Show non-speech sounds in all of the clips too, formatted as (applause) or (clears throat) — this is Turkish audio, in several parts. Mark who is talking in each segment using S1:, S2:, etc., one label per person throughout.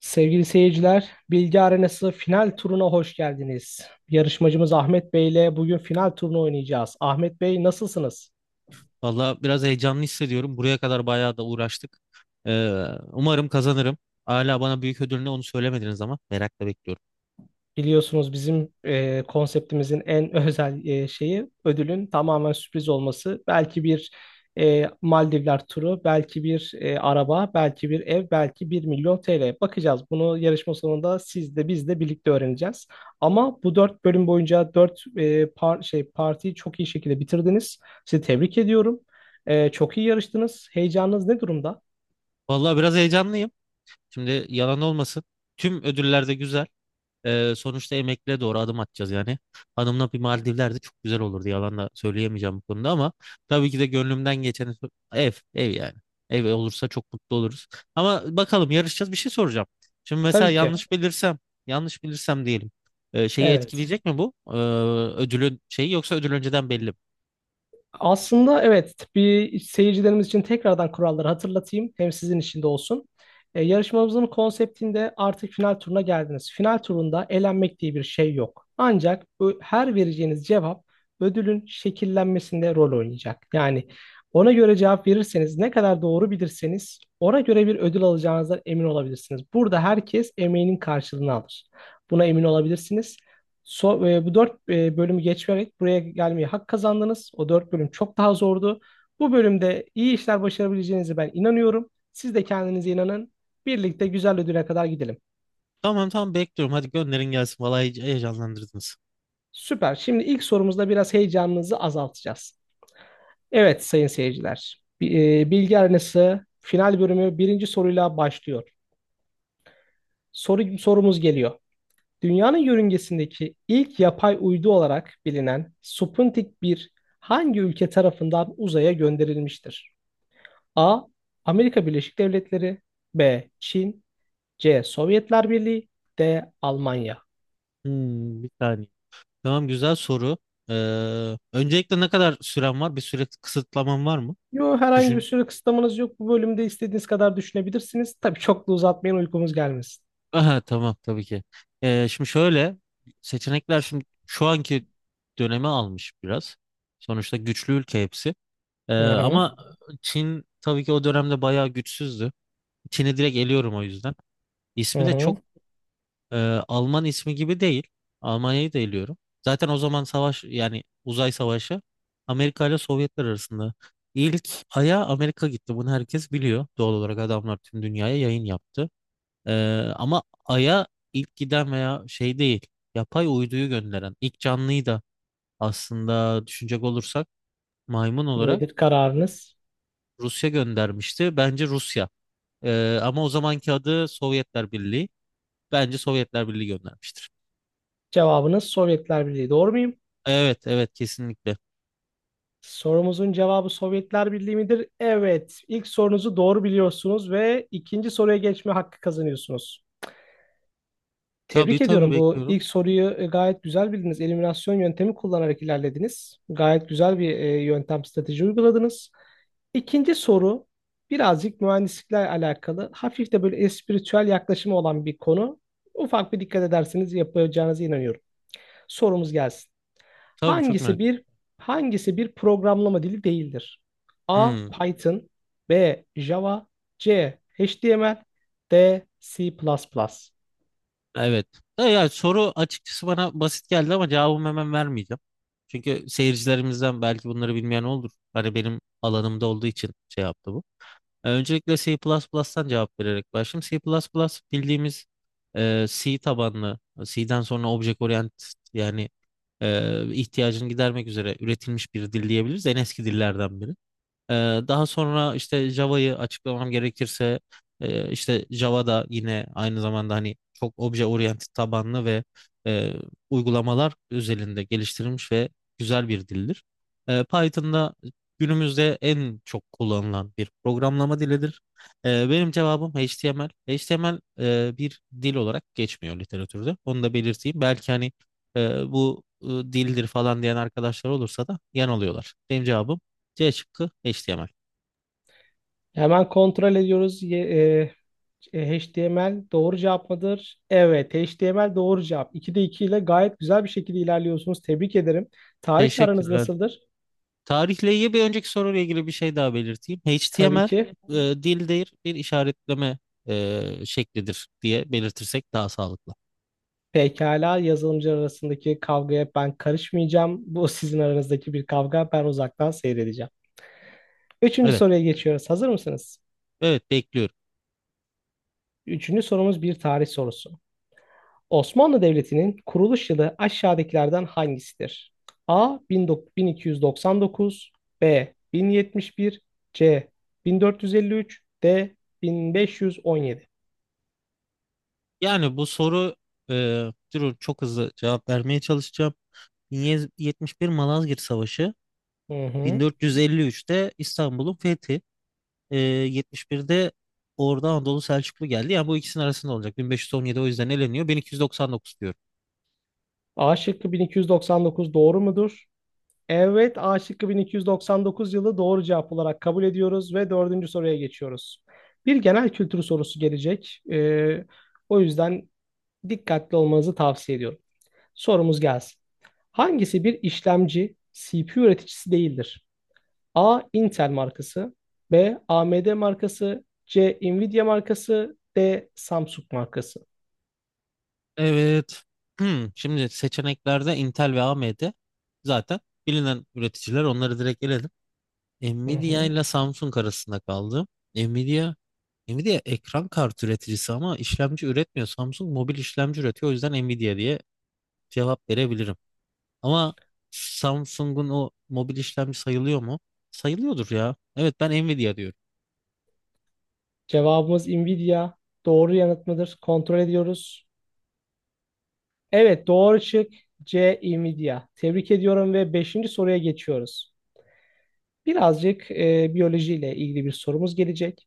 S1: Sevgili seyirciler, Bilgi Arenası final turuna hoş geldiniz. Yarışmacımız Ahmet Bey ile bugün final turunu oynayacağız. Ahmet Bey nasılsınız?
S2: Valla biraz heyecanlı hissediyorum. Buraya kadar bayağı da uğraştık. Ee, umarım kazanırım. Hala bana büyük ödül ne onu söylemediniz ama merakla bekliyorum.
S1: Biliyorsunuz bizim konseptimizin en (laughs) özel şeyi ödülün tamamen sürpriz olması. Belki bir Maldivler turu, belki bir araba, belki bir ev, belki 1 milyon TL. Bakacağız. Bunu yarışma sonunda siz de biz de birlikte öğreneceğiz. Ama bu dört bölüm boyunca dört partiyi çok iyi şekilde bitirdiniz. Sizi tebrik ediyorum. Çok iyi yarıştınız. Heyecanınız ne durumda?
S2: Valla biraz heyecanlıyım. Şimdi yalan olmasın. Tüm ödüller de güzel. Sonuçta emekliye doğru adım atacağız yani. Hanımla bir Maldivler de çok güzel olurdu. Yalan da söyleyemeyeceğim bu konuda ama tabii ki de gönlümden geçen ev, ev yani. Ev olursa çok mutlu oluruz. Ama bakalım yarışacağız bir şey soracağım. Şimdi mesela
S1: Tabii ki.
S2: yanlış bilirsem, yanlış bilirsem diyelim. Şeyi
S1: Evet.
S2: etkileyecek mi bu? Ödülün şeyi yoksa ödül önceden belli mi?
S1: Aslında evet bir seyircilerimiz için tekrardan kuralları hatırlatayım. Hem sizin için de olsun. Yarışmamızın konseptinde artık final turuna geldiniz. Final turunda elenmek diye bir şey yok. Ancak bu her vereceğiniz cevap ödülün şekillenmesinde rol oynayacak. Yani ona göre cevap verirseniz ne kadar doğru bilirseniz ona göre bir ödül alacağınızdan emin olabilirsiniz. Burada herkes emeğinin karşılığını alır. Buna emin olabilirsiniz. Bu dört bölümü geçerek buraya gelmeye hak kazandınız. O dört bölüm çok daha zordu. Bu bölümde iyi işler başarabileceğinize ben inanıyorum. Siz de kendinize inanın. Birlikte güzel ödüle kadar gidelim.
S2: Tamam tamam bekliyorum. Hadi gönderin gelsin. Vallahi heyecanlandırdınız.
S1: Süper. Şimdi ilk sorumuzda biraz heyecanınızı azaltacağız. Evet sayın seyirciler. Bilgi Arenası final bölümü birinci soruyla başlıyor. Sorumuz geliyor. Dünyanın yörüngesindeki ilk yapay uydu olarak bilinen Sputnik bir hangi ülke tarafından uzaya gönderilmiştir? A. Amerika Birleşik Devletleri B. Çin C. Sovyetler Birliği D. Almanya.
S2: Bir saniye. Tamam güzel soru. Öncelikle ne kadar süren var? Bir süre kısıtlaman var mı?
S1: Yo, herhangi bir
S2: Düşün.
S1: süre kısıtlamanız yok. Bu bölümde istediğiniz kadar düşünebilirsiniz. Tabii çok da uzatmayın uykumuz gelmesin.
S2: Aha tamam tabii ki. Şimdi şöyle seçenekler şimdi şu anki dönemi almış biraz. Sonuçta güçlü ülke hepsi.
S1: Hı hı. Evet.
S2: Ama Çin tabii ki o dönemde bayağı güçsüzdü. Çin'i direkt eliyorum o yüzden.
S1: Hı
S2: İsmi de
S1: hı.
S2: çok e, Alman ismi gibi değil. Almanya'yı da eliyorum. Zaten o zaman savaş yani uzay savaşı Amerika ile Sovyetler arasında. İlk aya Amerika gitti. Bunu herkes biliyor. Doğal olarak adamlar tüm dünyaya yayın yaptı. Ee, ama Ay'a ilk giden veya şey değil, yapay uyduyu gönderen ilk canlıyı da aslında düşünecek olursak maymun olarak
S1: Nedir kararınız?
S2: Rusya göndermişti. Bence Rusya. Ama o zamanki adı Sovyetler Birliği. Bence Sovyetler Birliği göndermiştir.
S1: Cevabınız Sovyetler Birliği. Doğru muyum?
S2: Evet, evet kesinlikle.
S1: Sorumuzun cevabı Sovyetler Birliği midir? Evet. İlk sorunuzu doğru biliyorsunuz ve ikinci soruya geçme hakkı kazanıyorsunuz.
S2: Tabii
S1: Tebrik
S2: tabii
S1: ediyorum. Bu
S2: bekliyorum.
S1: ilk soruyu gayet güzel bildiniz. Eliminasyon yöntemi kullanarak ilerlediniz. Gayet güzel bir yöntem strateji uyguladınız. İkinci soru birazcık mühendislikle alakalı. Hafif de böyle espiritüel yaklaşımı olan bir konu. Ufak bir dikkat ederseniz yapacağınıza inanıyorum. Sorumuz gelsin.
S2: Tabii çok merak
S1: Hangisi
S2: ettim.
S1: bir hangisi bir programlama dili değildir? A.
S2: Hmm,
S1: Python B. Java C. HTML D. C++.
S2: evet. Ya, ya, soru açıkçası bana basit geldi ama cevabımı hemen vermeyeceğim. Çünkü seyircilerimizden belki bunları bilmeyen olur. Hani benim alanımda olduğu için şey yaptı bu. Öncelikle C++'tan cevap vererek başlayayım. C++ bildiğimiz C tabanlı, C'den sonra object orient yani ihtiyacını gidermek üzere üretilmiş bir dil diyebiliriz. En eski dillerden biri. Ee, Daha sonra işte Java'yı açıklamam gerekirse işte Java da yine aynı zamanda hani çok obje oriented tabanlı ve e, uygulamalar özelinde geliştirilmiş ve güzel bir dildir. Python'da günümüzde en çok kullanılan bir programlama dilidir. Benim cevabım HTML. HTML bir dil olarak geçmiyor literatürde. Onu da belirteyim. Belki hani bu dildir falan diyen arkadaşlar olursa da yanılıyorlar. Benim cevabım C şıkkı HTML.
S1: Hemen kontrol ediyoruz. HTML doğru cevap mıdır? Evet, HTML doğru cevap. 2'de 2 ile gayet güzel bir şekilde ilerliyorsunuz. Tebrik ederim. Tarihle aranız
S2: Teşekkürler.
S1: nasıldır?
S2: Tarihle ilgili bir önceki soruyla ilgili bir şey daha belirteyim.
S1: Tabii ki.
S2: HTML dildir bir işaretleme şeklidir diye belirtirsek daha sağlıklı.
S1: Pekala yazılımcı arasındaki kavgaya ben karışmayacağım. Bu sizin aranızdaki bir kavga. Ben uzaktan seyredeceğim. Üçüncü
S2: Evet,
S1: soruya geçiyoruz. Hazır mısınız?
S2: evet bekliyorum.
S1: Üçüncü sorumuz bir tarih sorusu. Osmanlı Devleti'nin kuruluş yılı aşağıdakilerden hangisidir? A. 1299 B. 1071 C. 1453 D. 1517.
S2: Yani bu soru e, durun çok hızlı cevap vermeye çalışacağım. 1071 Malazgirt Savaşı,
S1: Hı hı.
S2: 1453'te İstanbul'un fethi, e, 71'de Ordu Anadolu Selçuklu geldi. Yani bu ikisinin arasında olacak. 1517 o yüzden eleniyor. 1299 diyorum.
S1: A şıkkı 1299 doğru mudur? Evet, A şıkkı 1299 yılı doğru cevap olarak kabul ediyoruz ve dördüncü soruya geçiyoruz. Bir genel kültür sorusu gelecek. O yüzden dikkatli olmanızı tavsiye ediyorum. Sorumuz gelsin. Hangisi bir işlemci CPU üreticisi değildir? A. Intel markası B. AMD markası C. Nvidia markası D. Samsung markası.
S2: Evet. Şimdi seçeneklerde Intel ve AMD zaten bilinen üreticiler onları direkt eledim.
S1: Hı
S2: Nvidia
S1: hı.
S2: ile Samsung arasında kaldı. Nvidia Nvidia ekran kartı üreticisi ama işlemci üretmiyor. Samsung mobil işlemci üretiyor. O yüzden Nvidia diye cevap verebilirim. Ama Samsung'un o mobil işlemci sayılıyor mu? Sayılıyordur ya. Evet ben Nvidia diyorum.
S1: Cevabımız Nvidia. Doğru yanıt mıdır? Kontrol ediyoruz. Evet doğru çık. C. Nvidia. Tebrik ediyorum ve beşinci soruya geçiyoruz. Birazcık biyolojiyle ilgili bir sorumuz gelecek.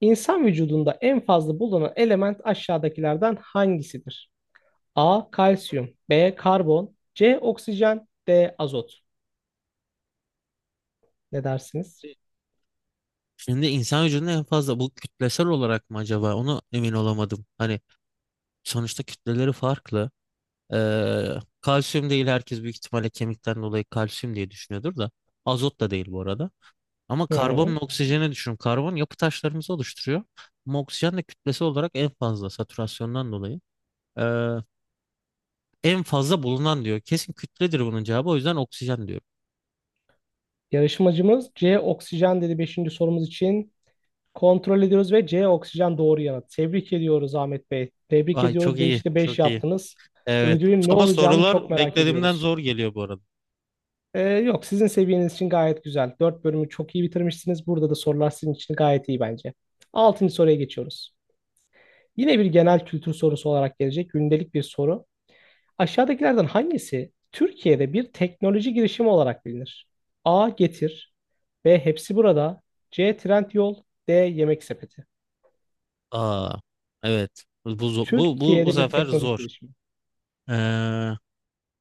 S1: İnsan vücudunda en fazla bulunan element aşağıdakilerden hangisidir? A. Kalsiyum. B. Karbon. C. Oksijen. D. Azot. Ne dersiniz?
S2: Şimdi insan vücudunda en fazla bu kütlesel olarak mı acaba? Onu emin olamadım. Hani sonuçta kütleleri farklı. Ee, kalsiyum değil, herkes büyük ihtimalle kemikten dolayı kalsiyum diye düşünüyordur da. Azot da değil bu arada. Ama
S1: Hı
S2: karbon
S1: hı.
S2: ve oksijeni düşünün. Karbon yapı taşlarımızı oluşturuyor. Ama oksijen de kütlesi olarak en fazla satürasyondan dolayı. Ee, en fazla bulunan diyor. Kesin kütledir bunun cevabı. O yüzden oksijen diyorum.
S1: Yarışmacımız C. Oksijen dedi beşinci sorumuz için. Kontrol ediyoruz ve C. Oksijen doğru yanıt. Tebrik ediyoruz Ahmet Bey. Tebrik
S2: Ay çok
S1: ediyoruz.
S2: iyi.
S1: Beşte 5
S2: Çok iyi.
S1: yaptınız.
S2: Evet.
S1: Ödülün ne
S2: Ama
S1: olacağını çok
S2: sorular
S1: merak
S2: beklediğimden
S1: ediyoruz.
S2: zor geliyor bu arada.
S1: Yok sizin seviyeniz için gayet güzel. 4 bölümü çok iyi bitirmişsiniz. Burada da sorular sizin için gayet iyi bence. 6. soruya geçiyoruz. Yine bir genel kültür sorusu olarak gelecek. Gündelik bir soru. Aşağıdakilerden hangisi Türkiye'de bir teknoloji girişimi olarak bilinir? A. Getir B. Hepsi burada C. Trendyol D. Yemek sepeti.
S2: Aa, evet. Bu
S1: Türkiye'de bir
S2: sefer
S1: teknoloji
S2: zor.
S1: girişimi.
S2: Ee,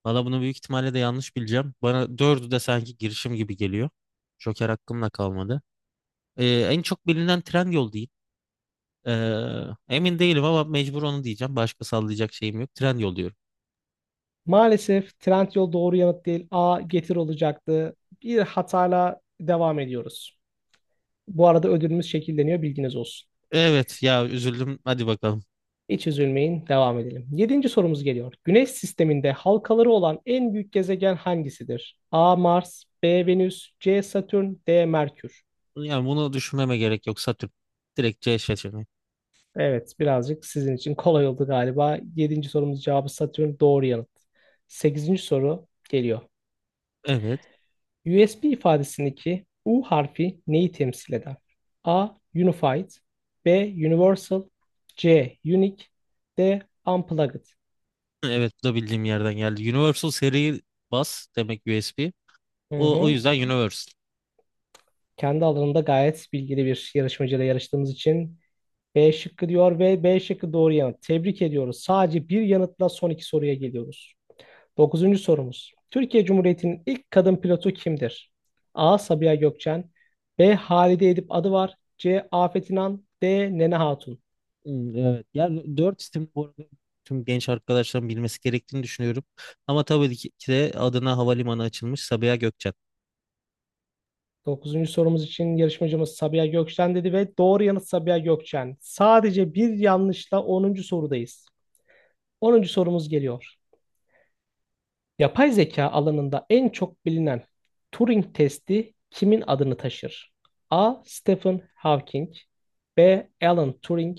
S2: Valla bunu büyük ihtimalle de yanlış bileceğim. Bana dördü de sanki girişim gibi geliyor. Joker hakkımda kalmadı. Ee, en çok bilinen Trendyol değil. Ee, emin değilim ama mecbur onu diyeceğim. Başka sallayacak şeyim yok. Trendyol diyorum.
S1: Maalesef Trendyol doğru yanıt değil. A. Getir olacaktı. Bir hatayla devam ediyoruz. Bu arada ödülümüz şekilleniyor bilginiz olsun.
S2: Evet ya, üzüldüm. Hadi bakalım.
S1: Hiç üzülmeyin devam edelim. Yedinci sorumuz geliyor. Güneş sisteminde halkaları olan en büyük gezegen hangisidir? A. Mars B. Venüs C. Satürn D. Merkür.
S2: Yani bunu düşünmeme gerek yok. Satürn. Direkt C seçeneği.
S1: Evet, birazcık sizin için kolay oldu galiba. Yedinci sorumuz cevabı Satürn doğru yanıt. Sekizinci soru geliyor.
S2: Evet.
S1: USB ifadesindeki U harfi neyi temsil eder? A. Unified B. Universal C. Unique D. Unplugged.
S2: (clears throat) Evet bu da bildiğim yerden geldi. Universal seri bas demek USB.
S1: Hı
S2: O
S1: hı.
S2: yüzden Universal.
S1: Kendi alanında gayet bilgili bir yarışmacıyla yarıştığımız için B şıkkı diyor ve B şıkkı doğru yanıt. Tebrik ediyoruz. Sadece bir yanıtla son iki soruya geliyoruz. Dokuzuncu sorumuz. Türkiye Cumhuriyeti'nin ilk kadın pilotu kimdir? A. Sabiha Gökçen B. Halide Edip Adıvar C. Afet İnan D. Nene Hatun.
S2: Hmm, evet. Yani 4 isim bu arada tüm genç arkadaşların bilmesi gerektiğini düşünüyorum. Ama tabii ki de adına havalimanı açılmış Sabiha Gökçen.
S1: Dokuzuncu sorumuz için yarışmacımız Sabiha Gökçen dedi ve doğru yanıt Sabiha Gökçen. Sadece bir yanlışla onuncu sorudayız. Onuncu sorumuz geliyor. Yapay zeka alanında en çok bilinen Turing testi kimin adını taşır? A. Stephen Hawking B. Alan Turing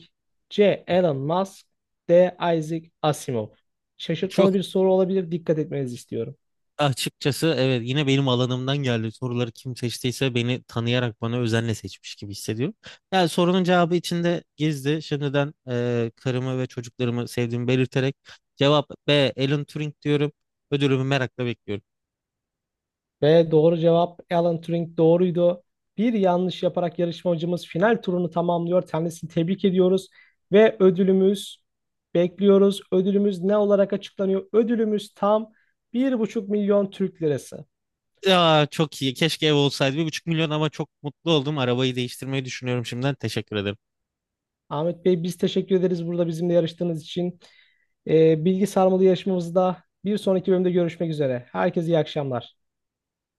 S1: C. Elon Musk D. Isaac Asimov.
S2: Çok
S1: Şaşırtmalı bir soru olabilir. Dikkat etmenizi istiyorum.
S2: açıkçası evet yine benim alanımdan geldi. Soruları kim seçtiyse beni tanıyarak bana özenle seçmiş gibi hissediyorum. Yani sorunun cevabı içinde gizli. Şimdiden karımı ve çocuklarımı sevdiğimi belirterek cevap B. Alan Turing diyorum. Ödülümü merakla bekliyorum.
S1: Ve doğru cevap Alan Turing doğruydu. Bir yanlış yaparak yarışmacımız final turunu tamamlıyor. Kendisini tebrik ediyoruz ve ödülümüz bekliyoruz. Ödülümüz ne olarak açıklanıyor? Ödülümüz tam 1,5 milyon Türk lirası.
S2: Ya çok iyi. Keşke ev olsaydı. 1,5 milyon ama çok mutlu oldum. Arabayı değiştirmeyi düşünüyorum şimdiden. Teşekkür ederim.
S1: Ahmet Bey biz teşekkür ederiz burada bizimle yarıştığınız için. Bilgi sarmalı yarışmamızda bir sonraki bölümde görüşmek üzere. Herkese iyi akşamlar.